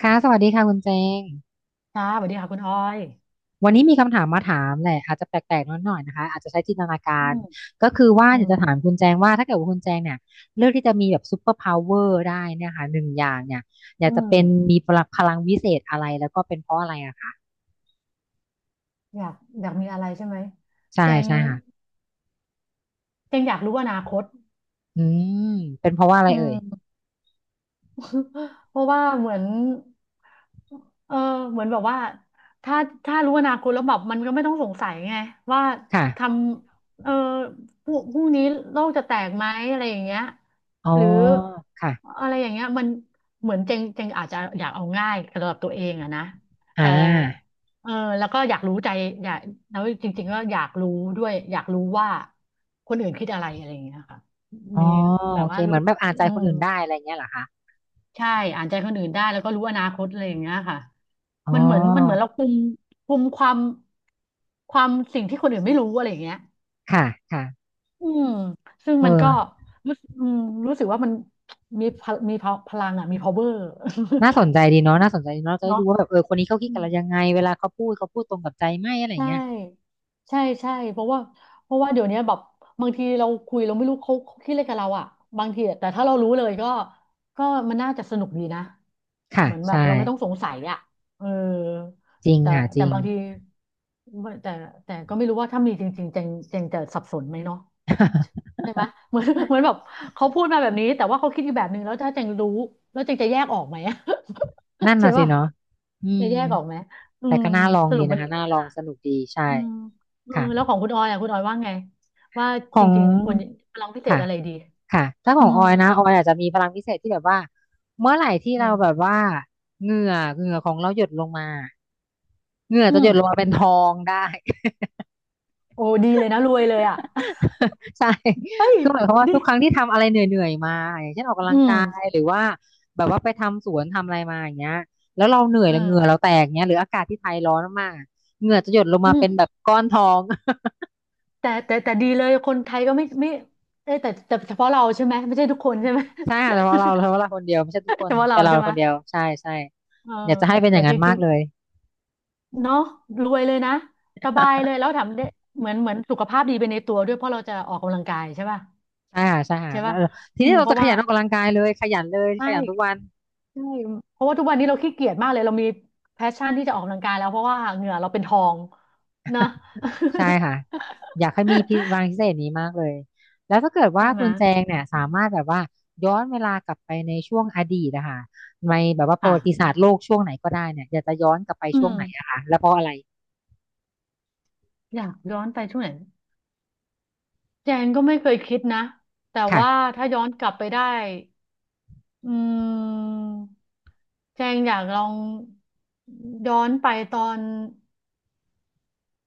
ค่ะสวัสดีค่ะคุณเจงค่ะสวัสดีค่ะคุณออยวันนี้มีคำถามมาถามแหละอาจจะแปลกๆนิดหน่อยนะคะอาจจะใช้จินตนากาอืรมก็คือว่าอือยากมจะถามคุณแจงว่าถ้าเกิดว่าคุณแจงเนี่ยเลือกที่จะมีแบบซูเปอร์พาวเวอร์ได้เนี่ยค่ะหนึ่งอย่างเนี่ยอยากอืจะมเป็นมีพลังพลังวิเศษอะไรแล้วก็เป็นเพราะอะไรอะคะอยากอยากมีอะไรใช่ไหมใช่แจงใช่ค่ะแจงอยากรู้อนาคตอืมเป็นเพราะว่าอะไรอืเอ่ยม เพราะว่าเหมือนเออเหมือนแบบว่าถ้าถ้ารู้อนาคตแล้วแบบมันก็ไม่ต้องสงสัยไงว่าค่ะทำเออพรุ่งนี้โลกจะแตกไหมอะไรอย่างเงี้ยอ๋อหรือค่ะอะไรอย่างเงี้ยมันเหมือนเจงเจงอาจจะอยากเอาง่ายสำหรับตัวเองอะนะอ่แต่าเออแล้วก็อยากรู้ใจอยากแล้วจริงๆก็อยากรู้ด้วยอยากรู้ว่าคนอื่นคิดอะไรอะไรอย่างเงี้ยค่ะอ๋อมีแบโอบเคว่าเหมืรู้อนแบบอ่านใจอืคนม อื่นได้อะไรเงี้ยเหรอคะใช่ อ่านใจคนอื่นได้ แล้วก็รู้อนาคตอะไรอย่างเงี้ยค่ะ อ๋มันเหมือนมันเหมืออนเราคุมคุมความความสิ่งที่คนอื่นไม่รู้อะไรอย่างเงี้ยค่ะค่ะอืมซึ่งเออ มันก็รู้สึกรู้สึกว่ามันมีพลังอ่ะมี power น่าสนใจดีเนาะน่าสนใจดีเนาะเรา จะได้เนาะ ดูว่าแบบเออคนนี้เขาคิดกันแล้วยังไงเวลาเขาพูดเขาพูดตรงกับใจไหมอะไรใช่เงี้ยใช่เพราะว่าเพราะว่าเดี๋ยวนี้แบบบางทีเราคุยเราไม่รู้เขาคิดอะไรกับเราอ่ะบางทีอะแต่ถ้าเรารู้เลยก็มันน่าจะสนุกดีนะค่ะเหมือนแบใช่บเราไม่ต้องสงสัยอ่ะเออจริงแต่ค่ะจแต่ริง บางทีแต่แต่ก็ไม่รู้ว่าถ้ามีจริงๆเจงเจงจะสับสนไหมเนาะ ใช่ไหม เหมือนเหมือนแบบเขาพูดมาแบบนี้แต่ว่าเขาคิดอีกแบบหนึ่งแล้วถ้าเจงรู้แล้วเจงจะแยกออกไหม นั่ นใช่น่ะสิป่ะเนาะอืจะมแยกออกไหมอืแต่มก็น่าลองสดีรุปมันะนคะดีน่าไหมลองล่ะ สนุกดีใช่อืมเออค่ะแล้วของคุณออยอ่ะคุณออยว่าไงว่าขจองริงๆควรร้องพิเศษค่ะอะไรดีค่ะถ้าขอืองมออยนะออยอาจจะมีพลังพิเศษที่แบบว่าเมื่อไหร่ที่อืเราแบบมว่าเหงื่อเหงื่อของเราหยดลงมาเหงื่ออืจะหยมดลงมาเป็นทองได้ โอ้ดีเลยนะรวยเลยอ่ะ ใช่ เฮ้ย คือหมายความว่าดีทุกครั้งที่ทำอะไรเหนื่อยๆมาอย่างเช่นออกกำลัอืงมกายหรือว่าแบบว่าไปทำสวนทำอะไรมาอย่างเงี้ยแล้วเราเหนื่อยเอแล้วเหงื่อเราอแตกเงี้ยหรืออากาศที่ไทยร้อนมากๆอะเหงื่อจะหยดลงมาอืเป็มนแบบก้อนทอง แต่ดีเลยคนไทยก็ไม่เอ้ยแต่เฉพาะเราใช่ไหมไม่ใช่ทุกคนใช่ไหม ใช่ค่ะเฉพาะเราเฉพาะเราคนเดียวไม่ใช่ทุกค เฉนพาะแต่เราเราใช่ไหคมนเดียวใช่ใช่เอออยากจะให้เป็นอแต่ย่างจนั้นมาริกงเลย ๆเนาะรวยเลยนะสบายเลยแล้วทำได้เหมือนเหมือนสุขภาพดีไปในตัวด้วยเพราะเราจะออกกำลังกายใช่ป่ะ ใช่ค่ะใช่ค่ะใช่แล้วป่ะทีอืนี้มเราเพจะราะขว่ายันออกกำลังกายเลยขยันเลยใช่ ขยันทุกวัน ใช่เพราะว่าทุกวันนี้เราขี้เกียจมากเลย เรามีแพชชั่นที่จะออกกำลังกายแล้วเพราะว่าเหงื่อเราเป็นทองนะ ใช่ค่ะอยากให้มีพิวัง พิเศษนี้มากเลยแล้วถ้าเกิดว่าใช่ไหมคุณแจงเนี่ยอืสามมารถแบบว่าย้อนเวลากลับไปในช่วงอดีตนะคะในแบบว่าประค่ะวัติศาสตร์โลกช่วงไหนก็ได้เนี่ยอยากจะย้อนกลับไปอืช่วงมไหนอะคะแล้วเพราะอะไรอยากย้อนไปช่วงไหนแจงก็ไม่เคยคิดนะแต่ค่ะว่าถ้าย้อนกลับไปได้อืมแจงอยากลองย้อนไปตอน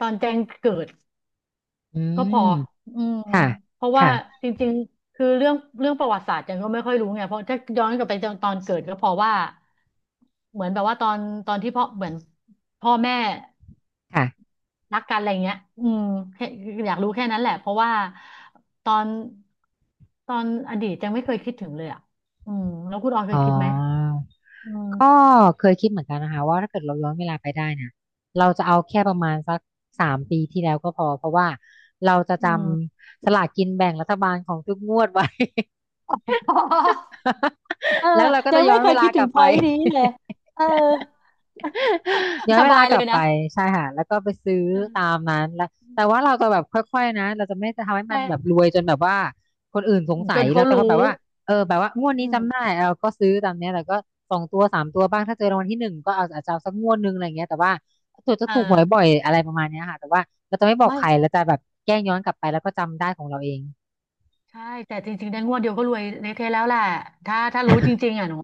ตอนแจงเกิด อืก็พมออืมค่ะเพราะว่าค่ะจริงๆ คือเรื่องประวัติศาสตร์จันก็ไม่ค่อยรู้ไงเพราะถ้าย้อนกลับไปตอนเกิดก็เพอว่าเหมือนแบบว่าตอนตอนที่พ่อเหมือนพ่อแม่ค่ะรักกันอะไรเงี้ยอืมแค่อยากรู้แค่นั้นแหละ เพราะว่าตอนตอนอดีตจังไม่เคยคิดถึงเลยอ่ะอืมแล้วคุณออยเคอ๋ยคิดไหมออืมก็เคยคิดเหมือนกันนะคะว่าถ้าเกิดเราย้อนเวลาไปได้เนี่ยเราจะเอาแค่ประมาณสัก3 ปีที่แล้วก็พอเพราะว่าเราจะจอืม ำสลากกินแบ่งรัฐบาลของทุกงวดไว้ เออ แล้วเราก็ยัจะงย้ไม่อนเคเวยลาคิดกถึงลับพไป อยต์นี้เลยเออ ย้อนสเวลาบายกเลลับยไปนะใช่ค่ะแล้วก็ไปซื้อตาเออมนั้นแล้วแต่ว่าเราจะแบบค่อยๆนะเราจะไม่จะทำให้มันแบบรใช่ วยจนแบบว่าคนอื่นสงสัจยนเราเขาจะรู้แบบว่าเออแบบว่างวดอืนี้จำได้มเราก็ซื้อตามเนี้ยแต่ก็สองตัวสามตัวบ้างถ้าเจอรางวัลที่หนึ่งก็เอาอาจจะเอาสักงวดหนึงอะไรเงี้ยแต่ว่าตัวจะเอถูกหวยบ่ออยอะไรประมาณเนี้ยค่ะแต่ว่าเราจะไม่บอกไม่ ใครเราจะแบบแกล้งย้อนกลับไปแล้วก็จำได้ของเราเองใช่ แต่จริงๆได้งวดเดียวก็รวยเละเทะแล้วแหละถ้ารู้จริงๆอ่ะหนู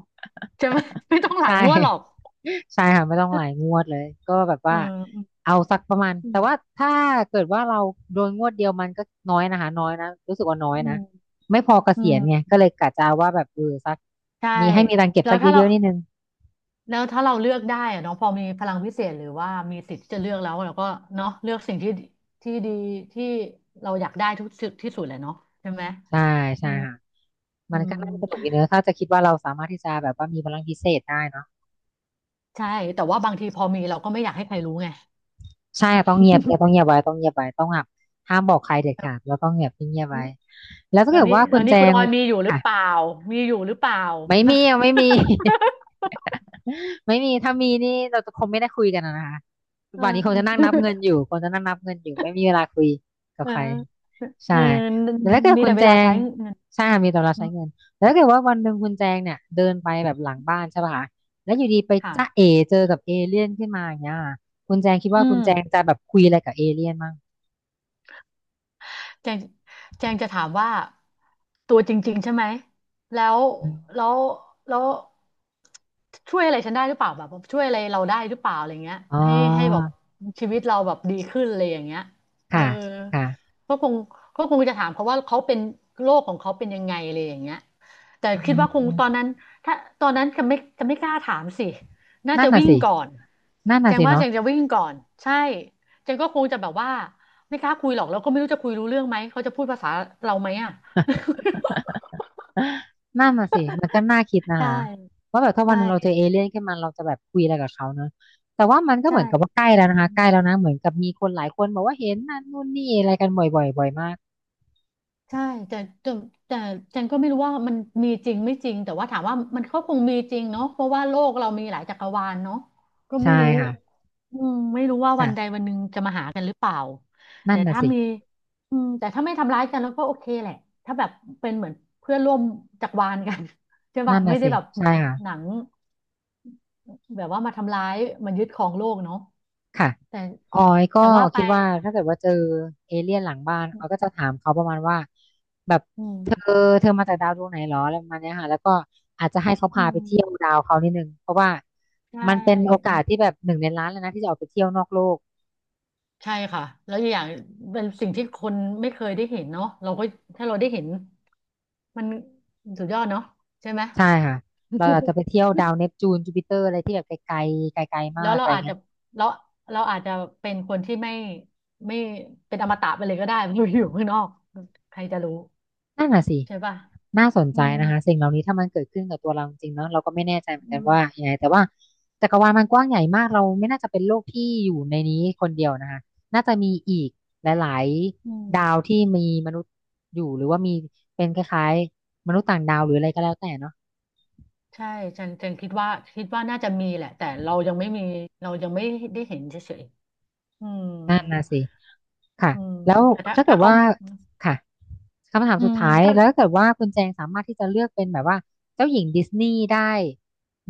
จะไม่ ไม่ต้องหใชลายงวดหรอก่ ใช่ค่ะไม่ต้องหลายงวดเลยก็แบบเอว่าอเอาสักประมาณอืแต่มว่าถ้าเกิดว่าเราโดนงวดเดียวมันก็น้อยนะคะน้อยนะรู้สึกว่าน้อยอืนะมไม่พอเกอืษียมณไงก็เลยกะจะเอาว่าแบบเออสักใช่มีให้มีตังค์เก็บแล้สัวกเยถ้าเราอะๆนิดนึงแล้วถ้าเราเลือกได้อะเนาะพอมีพลังพิเศษหรือว่ามีสิทธิ์ที่จะเลือกแล้วเราก็เนาะเลือกสิ่งที่ที่ดีที่เราอยากได้ทุกสุดที่สุดแหละเนาะใช่ไหมใช่อืใช่มค่ะอืมันก็มน่าจะสนุกอีกเนอะถ้าจะคิดว่าเราสามารถที่จะแบบว่ามีพลังพิเศษได้เนาะใช่แต่ว่าบางทีพอมีเราก็ไม่อยากให้ใครรู้ไง ใช่ค่ะต้องเงียบเนี่ยต้องเงียบไว้ต้องเงียบไว้ต้องหบบห้ามบอกใครเด็ดขาดแล้วต้องเงียบเงียบไว้แล้ว ถ้าแล้วเกิดนี่ว่าคุแล้วณแจนี่คุณงออยมีอยู่หรืออ่ะเปล่ามีอยู่หรือเปล่าไม่มีปะ มีอ่ะไม่ มี ไม่มีถ้ามีนี่เราจะคงไม่ได้คุยกันอะนะคะเวันนี้คงจะนั่งนัออบเงินอยู่คงจะนั่งนับเงินอยู่ไม่มีเวลาคุยกับเออใครใช่เออแล้วถ้าเกิดมีคุแต่ณเวแจลางใช้เงินใช่ค่ะมีแต่เราอืใช้มเงินแล้วถ้าเกิดว่าวันหนึ่งคุณแจงเนี่ยเดินไปแบบหลังบ้านใช่ป่ะคะแล้วอยู่ดีไปจ้าเอค่ะเจอกับเอเลี่ยนขึ้นมาอย่างเงี้ยค่ะคุณแจงคิดว่าอืคุณม แจงจะแบบคุยอะไรกับเอเลี่ยนมั้งแจงแจงจะถามว่าตัวจริงๆใช่ไหมแล้วอืมแล้วแล้วช่วยอะไรฉันได้หรือเปล่าแบบช่วยอะไรเราได้หรือเปล่าอะไรเงี้ยอ๋อให้แบบชีวิตเราแบบดีขึ้นอะไรอย่างเงี้ยเออค่ะค่ะก็คงก็คงจะถามเขาว่าเขาเป็นโรคของเขาเป็นยังไงอะไรอย่างเงี้ยแต่คิดอืว่าคงตอนมนั้นถ้าตอนนั้นจะไม่กล้าถามสิน่านั่นจะน่ะวิ่งสิก่อนนั่นแจน่ะงสิว่าแจเนาะ งจะวิ่งก่อนใช่แจงก็คงจะแบบว่า ไม่กล้าคุยหรอกแล้วก็ไม่รู้จะคุยรู้เรื่องไหมเขาจะพูดภาษาเราไหมอ่ะ นั่นน่ะสิมันก็น่าคิดนะใชคะ่ว่าแบบถ้าใชวันหนึ่งเราเจอ่เอเลี่ยนขึ้นมาเราจะแบบคุยอะไรกับเขาเนอะแต่ว่ามันก็ใช่เหมือนกับว่าใกล้แล้วอืนะคะมใกล้แล้วนะเหมือนกับมีคนหลายคนบอกว่าเห็นนั่นนู่นนี่อะไรกันบ่อยๆบ่อยมากใช่แต่แต่แต่จันก็ไม่รู้ว่ามันมีจริงไม่จริงแต่ว่าถามว่ามันก็คงมีจริงเนาะเพราะว่าโลกเรามีหลายจักรวาลเนาะก็ไม่ใช่รู้ค่ะอืมไม่รู้ว่าวันใดค่ะวันหนึ่งจะมาหากันหรือเปล่านั่แต่นน่ะถ้าสิมีอืมแต่ถ้าไม่ทำร้ายกันแล้วก็โอเคแหละถ้าแบบเป็นเหมือนเพื่อนร่วมจักรวาลกัน ใช่ป่ะนั่นไม่น่ะได้สิแบบเหมือใช่นค่ะ หนัง แบบว่ามาทำร้ายมายึดครองโลกเนาะค่ะ แต่ออยก็แต่ว่าไปคิดว่าถ้าเกิดว่าเจอเอเลี่ยนหลังบ้านออยก็จะถามเขาประมาณว่าแบบอืเธอมเธอมาจากดาวดวงไหนหรออะไรประมาณเนี้ยค่ะแล้วก็อาจจะให้เขาอืพาไปเที่ยวมดาวเขานิดนึงเพราะว่าใชมันเป็นโอ่กาสที่แบบหนึ่งในล้านเลยนะที่จะออกไปเที่ยวนอกโลกใช่ค่ะแล้วอกอย่างเป็นสิ่งที่คนไม่เคยได้เห็นเนาะเราก็ถ้าเราได้เห็นมันสุดยอดเนาะใช่ไหม ใช่ค่ะเราอาจจะ ไปเที่ยวดาวเนปจูนจูปิเตอร์อะไรที่แบบไกลๆไกลๆมาแล้วกเราอะไรอาจเงี้จะย เราเราอาจจะเป็นคนที่ไม่เป็นอมตะไปเลยก็ได้ ไม่อยู่ข้างนอกใครจะรู้นั่นน่ะสิ ใช่ป่ะน่าสนอืใจมนะคะสิ่งเหล่านี้ถ้ามันเกิดขึ้นกับตัวเราจริงๆเนาะเราก็ไม่แน่ใจเหมือนอืกันว่ามยังไงแต่ว่าจักรวาลมันกว้างใหญ่มากเราไม่น่าจะเป็นโลกที่อยู่ในนี้คนเดียวนะคะน่าจะมีอีกหลายอืๆดาวม ที่มีมนุษย์อยู่หรือว่ามีเป็นคล้ายๆมนุษย์ต่างดาวหรืออะไรก็แล้วแต่เนาะใช่ฉันคิดว่าคิดว่าน่าจะมีแหละแต่เรายังไม่มีเรายังไม่ได้เห็นเฉยๆอืมนั่นน่ะสิ ค่ะอืมแล้วแต่ถ้าถ้าถ้าเกิดเขาว่าค่ะคำถามอืสุดมท้ายถ้าแล้วถ้าเกิดว่าคุณแจงสามารถที่จะเลือกเป็นแบบว่าเจ้าหญิงดิสนีย์ได้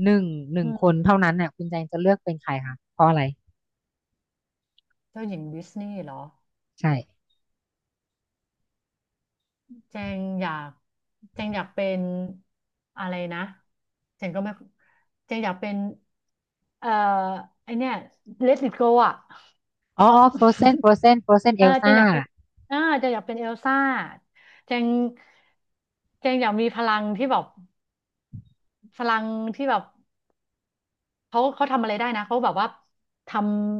หนึ่งหนึ่อืงคนมเท่านั้นเนี่ยคุณแจงจะเลือกเป็นใครคะเพราะอะไรเจ้าหญิงดิสนีย์เหรอใช่เจงอยากเจงอยากเป็นอะไรนะเจงก็ไม่เจงอยากเป็นเอ่อไอเนี่ยเลติ t โกอ่ะอ๋อ Frozen Frozen เออเจ Elsa งอยากเป็นเจงอยากเป็นเอลซ่าเจงเจงอยากมีพลังที่แบบพลังที่แบบ เขาเขาทำอะไรได้นะเขาแบบว่าท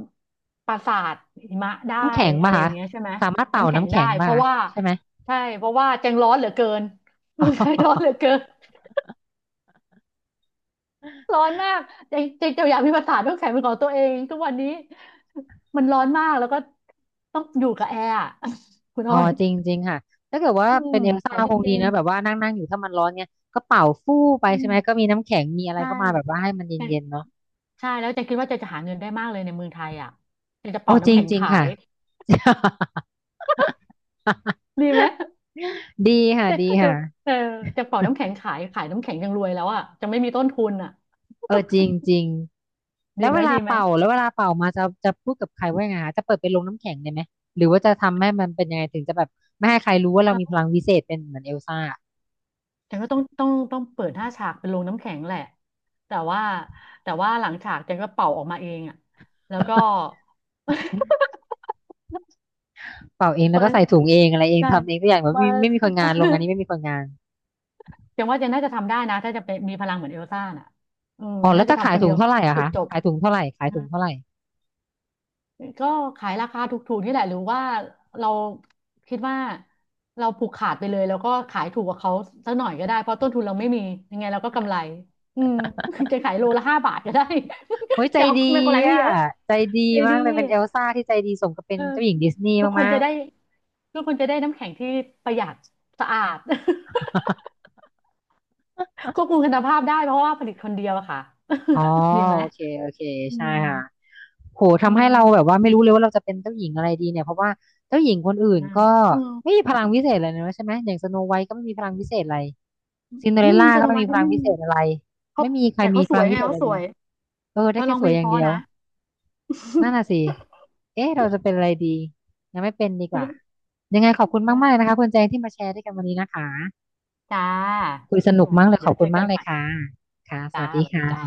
ำปราสาทหิมะได้น้ำแข็งอะป่ะไรอคะย่างเงี้ยใช่ไหมสามารถเป่าน้ำแข็งน้ำได้แข็งเพป่ะราะคะว่าใช่ไหมใช่เพราะว่าแจงร้อนเหลือเกิน อ๋เมืองไทยร้อนเหลืออเกินร้อนมากแจงแจงจะอยากมีปราสาทน้ำแข็งเป็นของตัวเองทุกวันนี้มันร้อนมากแล้วก็ต้องอยู่กับแอร์อะ คุณอ๋อออยจริงจริงค่ะถ้าเกิดว่าอืเป็มนเอลขซ่าอคงดีเย็นนะแบบว่านั่งนั่งอยู่ถ้ามันร้อนเนี่ยก็เป่าฟู่ไปๆอืใช่ไหมมก็มีน้ำแข็งมีอะไรใช่เข้ามาแบบว่าให้มันแต่เย็นๆเนาะใช่แล้วแจะคิดว่าแจะจะหาเงินได้มากเลยในเมืองไทยอ่ะเจะจะโอ้เป่าจริน้ำงแข็งจริงขาค่ะ ย ดีไหม ดี ค่ะแต่ดีถ้จะค่ะเออจะเป่าน้ำแข็งขายขายน้ำแข็งยังรวยแล้วอ่ะจะไม่มีต้นทุนอ่ะเออจริงจริงแล้ดีวไหมเวลาดีไหมเป่าแล้วเวลาเป่ามาจะพูดกับใครว่ายังไงคะจะเปิดเป็นโรงน้ำแข็งได้ไหมหรือว่าจะทำให้มันเป็นยังไงถึงจะแบบไม่ให้ใครรู้ว่าเรามีเออพลังวิเศษเป็นเหมือนเอลซ่า แต่ก็ต้องเปิดหน้าฉากเป็นโรงน้ำแข็งแหละแต่ว่าแต่ว่าหลังฉากเจังก็เป่าออกมาเองอ่ะแล้วก็ เป่าเองแล้เปิวก็ดใส่ถุงเองอะไรเองใช่ทำเองทุกอย่างแบบมา ไม่มีคนงานโรงงาน นี้ไม่มีคนงานเจัง ว่าเจังน่าจะทำได้นะถ้าจะเป็นมีพลังเหมือนเอลซ่าน่ะอืมอ๋อแล้น่าวจะจะขาทำยคนถุเดีงยวเท่าไหร่อะปิดคะจบ ขายถุงเท่าไหร่ขายถุงเท่าไหร่ก็ขายราคาถูกๆนี่แหละหรือว่าเราคิดว่าเราผูกขาดไปเลยแล้วก็ขายถูกกว่าเขาสักหน่อยก็ได้เพราะต้นทุนเราไม่มียังไงเราก็กำไรอืม จะขายโลละ5 บาทก็ได้ เฮ้ย ใจจะเอาดีไม่กำไรไม่อะเยอะใจดีใจมาดีกเลยเป็นเอลซ่าที่ใจดีสมกับเป็เอนอเจ้าหญิงดิสนีย์ทุกคนมาจะกได้ๆ ทุกคนจะได้น้ำแข็งที่ประหยัดสะอาด ควบคุมคุณภาพได้เพราะว่าผลิตคนเดียวอะค่ะ อ๋อ ดีไหมโอเคโอเคอืใช่มค่ะโหอืทำให้เราแบบมว่าไม่รู้เลยว่าเราจะเป็นเจ้าหญิงอะไรดีเนี่ยเพราะว่าเจ้าหญิงคนอื่นนะก็อืมไม่มีพลังวิเศษอะไรเลยนะใช่ไหมอย่างสโนไวท์ก็ไม่มีพลังวิเศษอะไรซินเดออืเรลมล่าโซก็นไม่วัดมีพก็ลังไม่วิมีเศษอะไรเขาไม่มีใครแต่มีเขาสพวลัยงวิไงเศษอะเขาไรสเลวยย เออเธได้อแค่ร้องสเพวลยงอเพย่างราะเดียวนะ นั่นน่ะสิเอ๊ะเราจะเป็นอะไรดียังไม่เป็นดีกว่ายังไงขอบนคุณมากะมากเลยนะคะคุณแจงที่มาแชร์ด้วยกันวันนี้นะคะจ้าคุยสนุกมากเลยขเดี๋ยอบวเจคุณอมากักนเลใหยม่ค่ะค่ะสจ้าวัสสดีวัสดีค่ะจ้า